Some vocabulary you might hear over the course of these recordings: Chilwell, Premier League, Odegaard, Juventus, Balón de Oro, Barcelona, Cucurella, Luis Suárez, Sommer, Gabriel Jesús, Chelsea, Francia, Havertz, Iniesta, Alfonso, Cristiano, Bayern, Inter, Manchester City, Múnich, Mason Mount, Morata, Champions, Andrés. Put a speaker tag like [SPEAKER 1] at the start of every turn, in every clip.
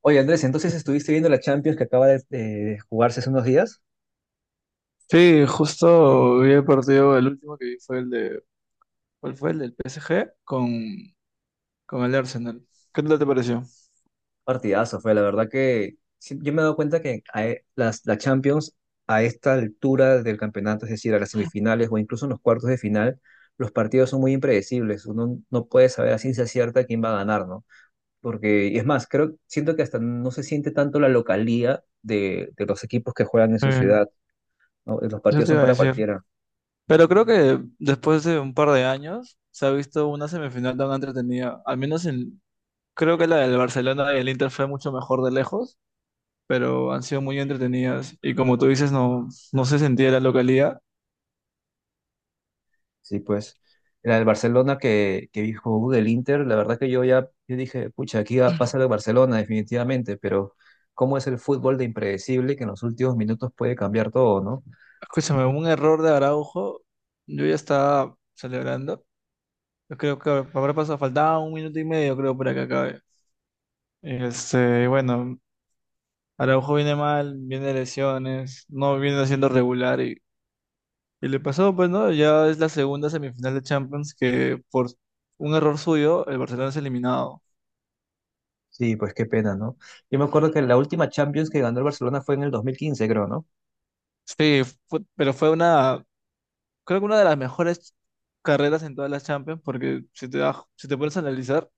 [SPEAKER 1] Oye, Andrés, entonces estuviste viendo la Champions que acaba de jugarse hace unos días.
[SPEAKER 2] Sí, justo vi el partido, el último que vi fue el de, ¿cuál fue? El del PSG con el Arsenal. ¿Qué tal te pareció?
[SPEAKER 1] Partidazo fue, la verdad que sí, yo me he dado cuenta que la Champions a esta altura del campeonato, es decir, a las semifinales o incluso en los cuartos de final, los partidos son muy impredecibles. Uno no puede saber a ciencia cierta quién va a ganar, ¿no? Porque, y es más, creo, siento que hasta no se siente tanto la localía de los equipos que juegan en su
[SPEAKER 2] Eh,
[SPEAKER 1] ciudad, ¿no? Los
[SPEAKER 2] Eso
[SPEAKER 1] partidos
[SPEAKER 2] te
[SPEAKER 1] son
[SPEAKER 2] iba a
[SPEAKER 1] para
[SPEAKER 2] decir.
[SPEAKER 1] cualquiera.
[SPEAKER 2] Pero creo que después de un par de años se ha visto una semifinal tan entretenida. Al menos en, creo que la del Barcelona y el Inter fue mucho mejor de lejos, pero han sido muy entretenidas. Y como tú dices, no, no se sentía la localidad.
[SPEAKER 1] Sí, pues. La del Barcelona que dijo del Inter, la verdad que yo dije, pucha, aquí va a pasar el Barcelona definitivamente, pero cómo es el fútbol de impredecible que en los últimos minutos puede cambiar todo, ¿no?
[SPEAKER 2] Escúchame, un error de Araujo, yo ya estaba celebrando. Yo creo que habrá pasado, faltaba un minuto y medio, creo, para que acabe. Bueno, Araujo viene mal, viene de lesiones, no viene siendo regular y le pasó, pues, ¿no? Ya es la segunda semifinal de Champions que por un error suyo el Barcelona es eliminado.
[SPEAKER 1] Sí, pues qué pena, ¿no? Yo me acuerdo que la última Champions que ganó el Barcelona fue en el 2015, creo, ¿no?
[SPEAKER 2] Sí, pero fue una, creo que una de las mejores carreras en todas las Champions porque si te pones a analizar,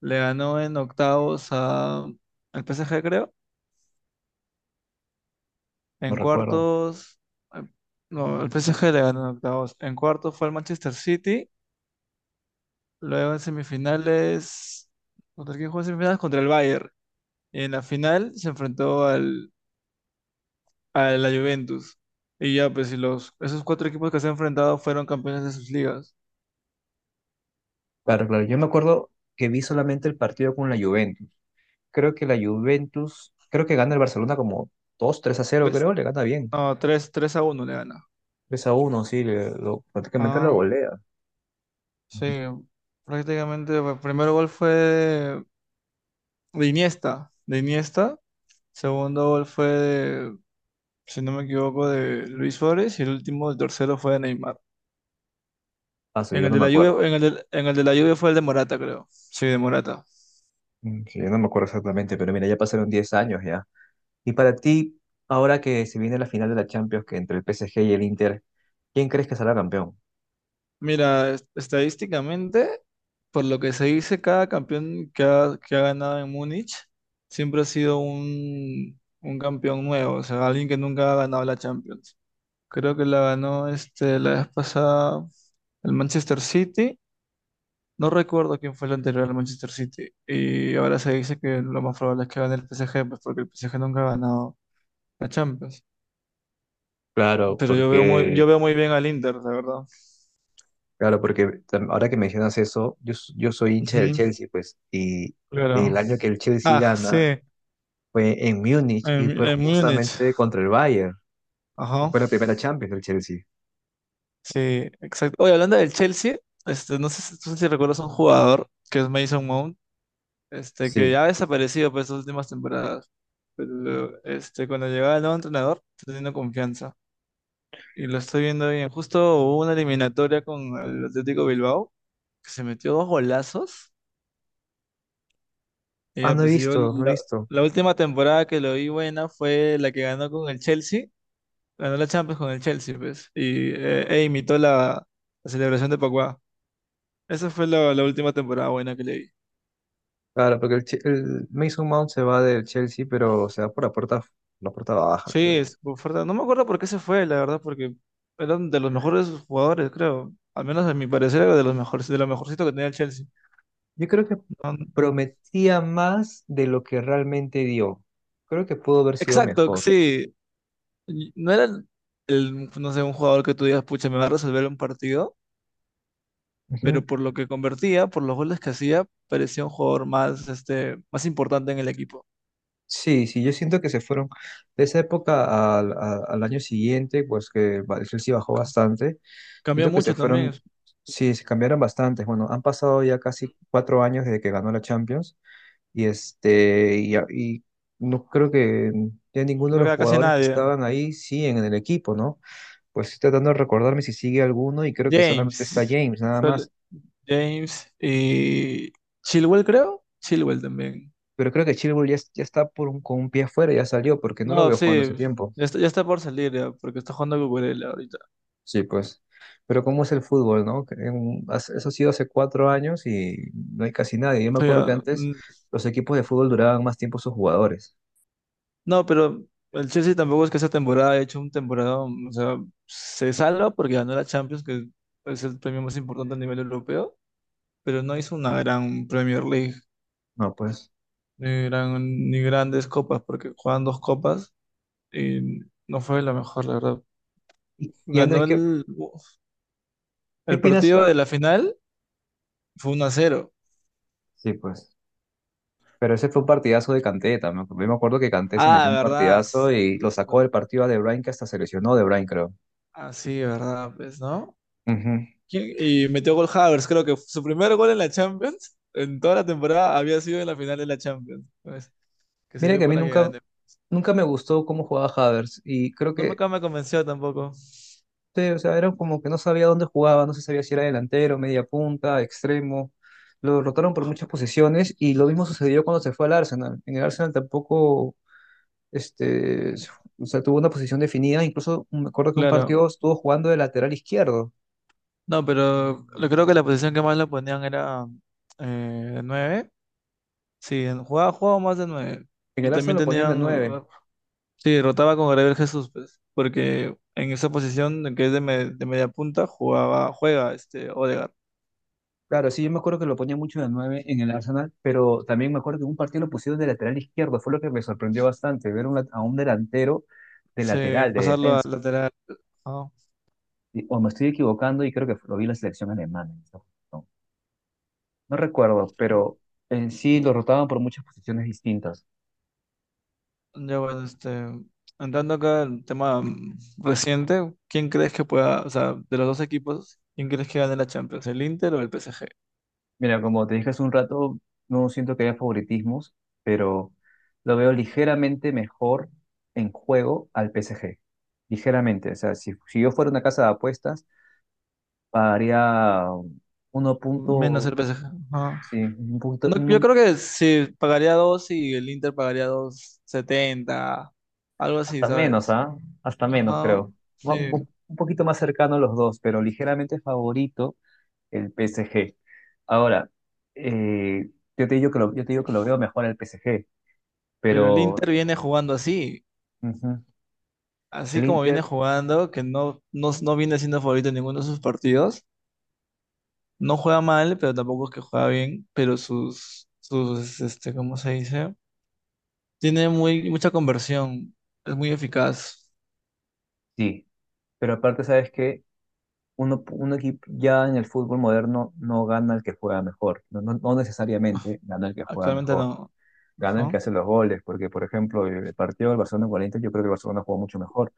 [SPEAKER 2] le ganó en octavos al PSG, creo.
[SPEAKER 1] No
[SPEAKER 2] En
[SPEAKER 1] recuerdo.
[SPEAKER 2] cuartos, eh, no, el PSG le ganó en octavos. En cuartos fue el Manchester City. Luego en semifinales, ¿contra quién jugó en semifinales? Contra el Bayern. Y en la final se enfrentó al, a la Juventus. Y ya, pues, esos cuatro equipos que se han enfrentado fueron campeones de sus ligas.
[SPEAKER 1] Claro, claro. Yo me acuerdo que vi solamente el partido con la Juventus. Creo que la Juventus, creo que gana el Barcelona como 2 3-0,
[SPEAKER 2] Tres,
[SPEAKER 1] creo, le gana bien.
[SPEAKER 2] no, 3 3 a uno le gana.
[SPEAKER 1] 3-1, sí, prácticamente lo
[SPEAKER 2] Ah,
[SPEAKER 1] golea.
[SPEAKER 2] sí, prácticamente el primer gol fue de Iniesta, de Iniesta, segundo gol fue de, si no me equivoco, de Luis Suárez y el último, el tercero fue de Neymar.
[SPEAKER 1] Ah, sí,
[SPEAKER 2] En
[SPEAKER 1] yo
[SPEAKER 2] el
[SPEAKER 1] no
[SPEAKER 2] de
[SPEAKER 1] me
[SPEAKER 2] la lluvia,
[SPEAKER 1] acuerdo.
[SPEAKER 2] en el de la lluvia fue el de Morata, creo. Sí, de Morata.
[SPEAKER 1] Mm, sí, yo no me acuerdo exactamente, pero mira, ya pasaron 10 años ya. Y para ti, ahora que se viene la final de la Champions, que entre el PSG y el Inter, ¿quién crees que será campeón?
[SPEAKER 2] Mira, estadísticamente, por lo que se dice, cada campeón que ha ganado en Múnich siempre ha sido un campeón nuevo, o sea, alguien que nunca ha ganado la Champions. Creo que la ganó la vez pasada el Manchester City. No recuerdo quién fue el anterior al Manchester City. Y ahora se dice que lo más probable es que gane el PSG, pues porque el PSG nunca ha ganado la Champions.
[SPEAKER 1] Claro,
[SPEAKER 2] Pero yo veo muy, yo veo muy bien al Inter, la verdad.
[SPEAKER 1] ahora que mencionas eso, yo soy hincha del
[SPEAKER 2] Ujú,
[SPEAKER 1] Chelsea, pues, y
[SPEAKER 2] claro.
[SPEAKER 1] el año que el Chelsea
[SPEAKER 2] Ah, sí.
[SPEAKER 1] gana fue en Múnich y
[SPEAKER 2] En,
[SPEAKER 1] fue
[SPEAKER 2] en Múnich.
[SPEAKER 1] justamente contra el Bayern. Y
[SPEAKER 2] Ajá.
[SPEAKER 1] fue la primera Champions del Chelsea.
[SPEAKER 2] Sí, exacto. Oye, hablando del Chelsea, no sé si recuerdas un jugador que es Mason Mount, que
[SPEAKER 1] Sí.
[SPEAKER 2] ya ha desaparecido por estas últimas temporadas. Pero cuando llegaba el nuevo entrenador, está teniendo confianza. Y lo estoy viendo bien. Justo hubo una eliminatoria con el Atlético Bilbao, que se metió dos golazos. Y
[SPEAKER 1] Ah,
[SPEAKER 2] ya,
[SPEAKER 1] no he
[SPEAKER 2] pues yo
[SPEAKER 1] visto, no he
[SPEAKER 2] la,
[SPEAKER 1] visto.
[SPEAKER 2] la última temporada que lo vi buena fue la que ganó con el Chelsea. Ganó la Champions con el Chelsea, pues. Y e imitó la celebración de Pacuá. Esa fue la última temporada buena que le vi.
[SPEAKER 1] Claro, porque el Mason Mount se va del Chelsea, pero se va por la puerta baja,
[SPEAKER 2] Sí,
[SPEAKER 1] creo.
[SPEAKER 2] es por fuerte. No me acuerdo por qué se fue, la verdad, porque eran de los mejores jugadores, creo. Al menos a mi parecer era de los mejores, de lo mejorcito que tenía el Chelsea.
[SPEAKER 1] Yo creo que
[SPEAKER 2] No-
[SPEAKER 1] prometía más de lo que realmente dio. Creo que pudo haber sido
[SPEAKER 2] exacto,
[SPEAKER 1] mejor.
[SPEAKER 2] sí. Y no era el, no sé, un jugador que tú digas, pucha, me va a resolver un partido,
[SPEAKER 1] Ujú.
[SPEAKER 2] pero por lo que convertía, por los goles que hacía, parecía un jugador más, más importante en el equipo.
[SPEAKER 1] Sí, sí, yo siento que se fueron de esa época al, al año siguiente, pues que el Chelsea bajó bastante.
[SPEAKER 2] Cambió
[SPEAKER 1] Siento que se
[SPEAKER 2] mucho también,
[SPEAKER 1] fueron, sí, se cambiaron bastante. Bueno, han pasado ya casi 4 años desde que ganó la Champions. Y no creo que ya ninguno de
[SPEAKER 2] no
[SPEAKER 1] los
[SPEAKER 2] queda casi
[SPEAKER 1] jugadores que
[SPEAKER 2] nadie.
[SPEAKER 1] estaban ahí siguen en el equipo, ¿no? Pues estoy tratando de recordarme si sigue alguno y creo que solamente está
[SPEAKER 2] James,
[SPEAKER 1] James, nada
[SPEAKER 2] sol-
[SPEAKER 1] más.
[SPEAKER 2] James y Chilwell, creo. Chilwell también.
[SPEAKER 1] Pero creo que Chilwell ya, ya está por con un pie afuera, ya salió, porque no lo
[SPEAKER 2] No,
[SPEAKER 1] veo jugando hace
[SPEAKER 2] sí,
[SPEAKER 1] tiempo.
[SPEAKER 2] ya está por salir, ya, porque está jugando Cucurella ahorita.
[SPEAKER 1] Sí, pues. Pero cómo es el fútbol, ¿no? Que eso ha sido hace 4 años y no hay casi nadie. Yo me
[SPEAKER 2] O
[SPEAKER 1] acuerdo que
[SPEAKER 2] sea,
[SPEAKER 1] antes los equipos de fútbol duraban más tiempo sus jugadores.
[SPEAKER 2] no, pero el Chelsea tampoco es que esta temporada haya hecho un temporada, o sea, se salva porque ganó la Champions, que es pues, el premio más importante a nivel europeo, pero no hizo una gran Premier League,
[SPEAKER 1] No, pues.
[SPEAKER 2] ni, ni grandes copas, porque juegan dos copas y no fue la mejor, la verdad.
[SPEAKER 1] Y Andrés,
[SPEAKER 2] Ganó
[SPEAKER 1] ¿qué,
[SPEAKER 2] el,
[SPEAKER 1] qué
[SPEAKER 2] el
[SPEAKER 1] opinas?
[SPEAKER 2] partido de la final, fue 1-0.
[SPEAKER 1] Sí, pues. Pero ese fue un partidazo de Kanté también. Yo me acuerdo que Kanté se metió
[SPEAKER 2] Ah,
[SPEAKER 1] un
[SPEAKER 2] ¿verdad?
[SPEAKER 1] partidazo y
[SPEAKER 2] Sí,
[SPEAKER 1] lo
[SPEAKER 2] sí,
[SPEAKER 1] sacó del partido a De Bruyne, que hasta se lesionó De Bruyne, creo.
[SPEAKER 2] ah, sí, ¿verdad? Pues, ¿no?
[SPEAKER 1] Ujú.
[SPEAKER 2] ¿Quién? Y metió gol Havers, creo que su primer gol en la Champions, en toda la temporada, había sido en la final de la Champions, pues, que
[SPEAKER 1] Mira
[SPEAKER 2] sirvió
[SPEAKER 1] que a mí
[SPEAKER 2] para que
[SPEAKER 1] nunca,
[SPEAKER 2] gane.
[SPEAKER 1] nunca me gustó cómo jugaba Havertz y creo
[SPEAKER 2] No me,
[SPEAKER 1] que,
[SPEAKER 2] acá me convenció tampoco.
[SPEAKER 1] sí, o sea, era como que no sabía dónde jugaba, no se sabía si era delantero, media punta, extremo. Lo rotaron por muchas posiciones y lo mismo sucedió cuando se fue al Arsenal. En el Arsenal tampoco, este, o sea, tuvo una posición definida. Incluso me acuerdo que un
[SPEAKER 2] Claro,
[SPEAKER 1] partido estuvo jugando de lateral izquierdo.
[SPEAKER 2] no, pero creo que la posición que más lo ponían era 9. Sí, jugaba más de nueve.
[SPEAKER 1] En
[SPEAKER 2] Y
[SPEAKER 1] el Arsenal
[SPEAKER 2] también
[SPEAKER 1] lo ponían de
[SPEAKER 2] tenían,
[SPEAKER 1] nueve.
[SPEAKER 2] sí, rotaba con Gabriel Jesús, pues, porque en esa posición que es de media punta, jugaba, juega Odegaard.
[SPEAKER 1] Claro, sí, yo me acuerdo que lo ponía mucho de nueve en el Arsenal, pero también me acuerdo que en un partido lo pusieron de lateral izquierdo, fue lo que me sorprendió bastante, ver un a un delantero de
[SPEAKER 2] Sí,
[SPEAKER 1] lateral, de
[SPEAKER 2] pasarlo al
[SPEAKER 1] defensa.
[SPEAKER 2] lateral.
[SPEAKER 1] O me estoy equivocando y creo que lo vi en la selección alemana. En esa. No recuerdo, pero en sí lo rotaban por muchas posiciones distintas.
[SPEAKER 2] Ya bueno, entrando acá el tema reciente, ¿quién crees que pueda, o sea, de los dos equipos? ¿Quién crees que gane la Champions? ¿El Inter o el PSG?
[SPEAKER 1] Mira, como te dije hace un rato, no siento que haya favoritismos, pero lo veo ligeramente mejor en juego al PSG. Ligeramente, o sea, si yo fuera una casa de apuestas, pagaría uno
[SPEAKER 2] Menos
[SPEAKER 1] punto,
[SPEAKER 2] el PSG. Ajá.
[SPEAKER 1] sí, un poquito,
[SPEAKER 2] No, yo creo que si pagaría dos y el Inter pagaría dos setenta algo así,
[SPEAKER 1] hasta menos,
[SPEAKER 2] ¿sabes?
[SPEAKER 1] ¿ah? Hasta menos,
[SPEAKER 2] Ajá,
[SPEAKER 1] creo. Ma- Un
[SPEAKER 2] sí.
[SPEAKER 1] po- un poquito más cercano a los dos, pero ligeramente favorito el PSG. Ahora, eh, yo te digo que lo, yo te digo que lo veo mejor al PSG,
[SPEAKER 2] Pero el
[SPEAKER 1] pero.
[SPEAKER 2] Inter viene jugando así,
[SPEAKER 1] Ujú.
[SPEAKER 2] así
[SPEAKER 1] El
[SPEAKER 2] como viene
[SPEAKER 1] Inter.
[SPEAKER 2] jugando, que no viene siendo favorito en ninguno de sus partidos. No juega mal, pero tampoco es que juega bien, pero sus, ¿cómo se dice? Tiene mucha conversión, es muy eficaz.
[SPEAKER 1] Sí. Pero aparte, ¿sabes que un equipo ya en el fútbol moderno no gana el que juega mejor, no
[SPEAKER 2] Ah,
[SPEAKER 1] necesariamente gana el que juega
[SPEAKER 2] actualmente
[SPEAKER 1] mejor?
[SPEAKER 2] no.
[SPEAKER 1] Gana el
[SPEAKER 2] Ajá.
[SPEAKER 1] que hace los goles, porque por ejemplo el partido del Barcelona con el Inter, yo creo que el Barcelona jugó mucho mejor.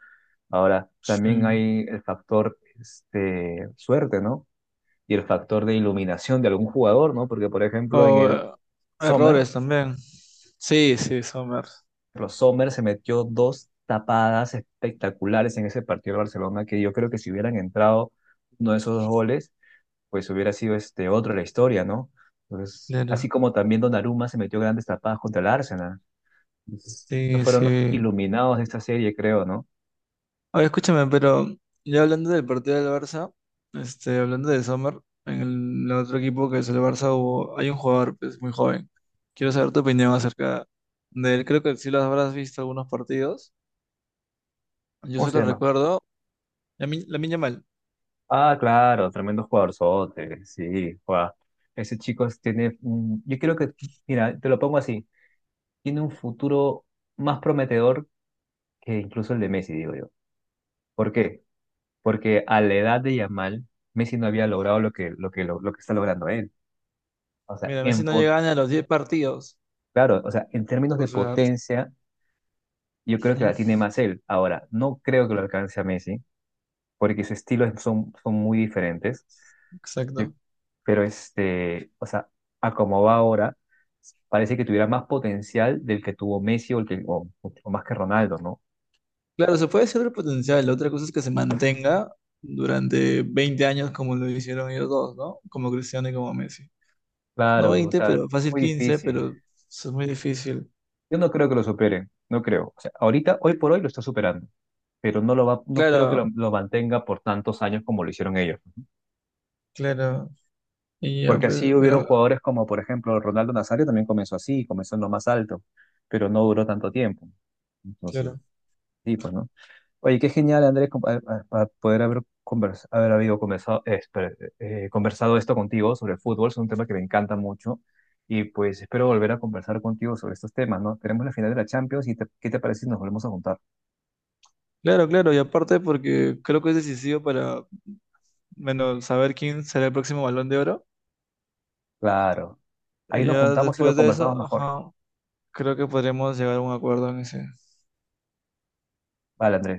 [SPEAKER 1] Ahora, también
[SPEAKER 2] Sí.
[SPEAKER 1] hay el factor este, suerte, ¿no? Y el factor de iluminación de algún jugador, ¿no? Porque por ejemplo
[SPEAKER 2] O
[SPEAKER 1] Sommer,
[SPEAKER 2] errores también. Sí, sí, Sommer.
[SPEAKER 1] los Sommer se metió dos tapadas espectaculares en ese partido del Barcelona, que yo creo que si hubieran entrado uno de esos dos goles, pues hubiera sido este otro la historia, ¿no? Entonces, así
[SPEAKER 2] Claro.
[SPEAKER 1] como también Donnarumma se metió grandes tapadas contra el Arsenal. Entonces, esos
[SPEAKER 2] Sí,
[SPEAKER 1] fueron los
[SPEAKER 2] sí.
[SPEAKER 1] iluminados de esta serie, creo, ¿no?
[SPEAKER 2] Oye, escúchame, pero ya hablando del partido del Barça, hablando de Sommer, en el otro equipo que es el Barça hubo, hay un jugador pues, muy joven. Quiero saber tu opinión acerca de él. Creo que sí lo habrás visto algunos partidos. Yo
[SPEAKER 1] ¿Cómo se
[SPEAKER 2] solo
[SPEAKER 1] llama?
[SPEAKER 2] recuerdo la Lamine mal.
[SPEAKER 1] Ah, claro, tremendo jugadorzote, sí, guau. Ese chico tiene, yo creo que, mira, te lo pongo así, tiene un futuro más prometedor que incluso el de Messi, digo yo. ¿Por qué? Porque a la edad de Yamal, Messi no había logrado lo que está logrando él. O sea,
[SPEAKER 2] Mira, Messi no llegaba ni a los 10 partidos.
[SPEAKER 1] claro, o sea, en términos
[SPEAKER 2] O
[SPEAKER 1] de
[SPEAKER 2] sea,
[SPEAKER 1] potencia, yo creo que
[SPEAKER 2] ujú,
[SPEAKER 1] la tiene más él. Ahora, no creo que lo alcance a Messi, porque sus estilos son muy diferentes. Yo-
[SPEAKER 2] exacto.
[SPEAKER 1] O sea, a como va ahora, parece que tuviera más potencial del que tuvo Messi o más que Ronaldo, ¿no?
[SPEAKER 2] Claro, se puede decir el potencial. La otra cosa es que se mantenga durante 20 años como lo hicieron ellos dos, ¿no? Como Cristiano y como Messi. No
[SPEAKER 1] Claro, o
[SPEAKER 2] 20
[SPEAKER 1] sea,
[SPEAKER 2] pero
[SPEAKER 1] es
[SPEAKER 2] fácil
[SPEAKER 1] muy
[SPEAKER 2] 15
[SPEAKER 1] difícil.
[SPEAKER 2] pero eso es muy difícil.
[SPEAKER 1] Yo no creo que lo superen, no creo. O sea, ahorita, hoy por hoy lo está superando, pero no lo va, no creo que
[SPEAKER 2] Claro,
[SPEAKER 1] lo mantenga por tantos años como lo hicieron ellos.
[SPEAKER 2] claro. Y ya,
[SPEAKER 1] Porque así
[SPEAKER 2] pues,
[SPEAKER 1] hubieron
[SPEAKER 2] pero,
[SPEAKER 1] jugadores como, por ejemplo, Ronaldo Nazario también comenzó así, comenzó en lo más alto, pero no duró tanto tiempo. Entonces,
[SPEAKER 2] claro.
[SPEAKER 1] sí, pues, ¿no? Oye, qué genial, Andrés, para poder haber habido conversado, espera, conversado esto contigo sobre el fútbol. Es un tema que me encanta mucho y pues espero volver a conversar contigo sobre estos temas, ¿no? Tenemos la final de la Champions ¿qué te parece si nos volvemos a juntar?
[SPEAKER 2] Claro, claro. Y aparte porque creo que es decisivo para, bueno, saber quién será el próximo Balón de Oro.
[SPEAKER 1] Claro, ahí
[SPEAKER 2] Y
[SPEAKER 1] nos
[SPEAKER 2] ya
[SPEAKER 1] juntamos y lo
[SPEAKER 2] después de
[SPEAKER 1] conversamos
[SPEAKER 2] eso,
[SPEAKER 1] mejor.
[SPEAKER 2] ajá, creo que podremos llegar a un acuerdo en ese.
[SPEAKER 1] Vale, Andrés.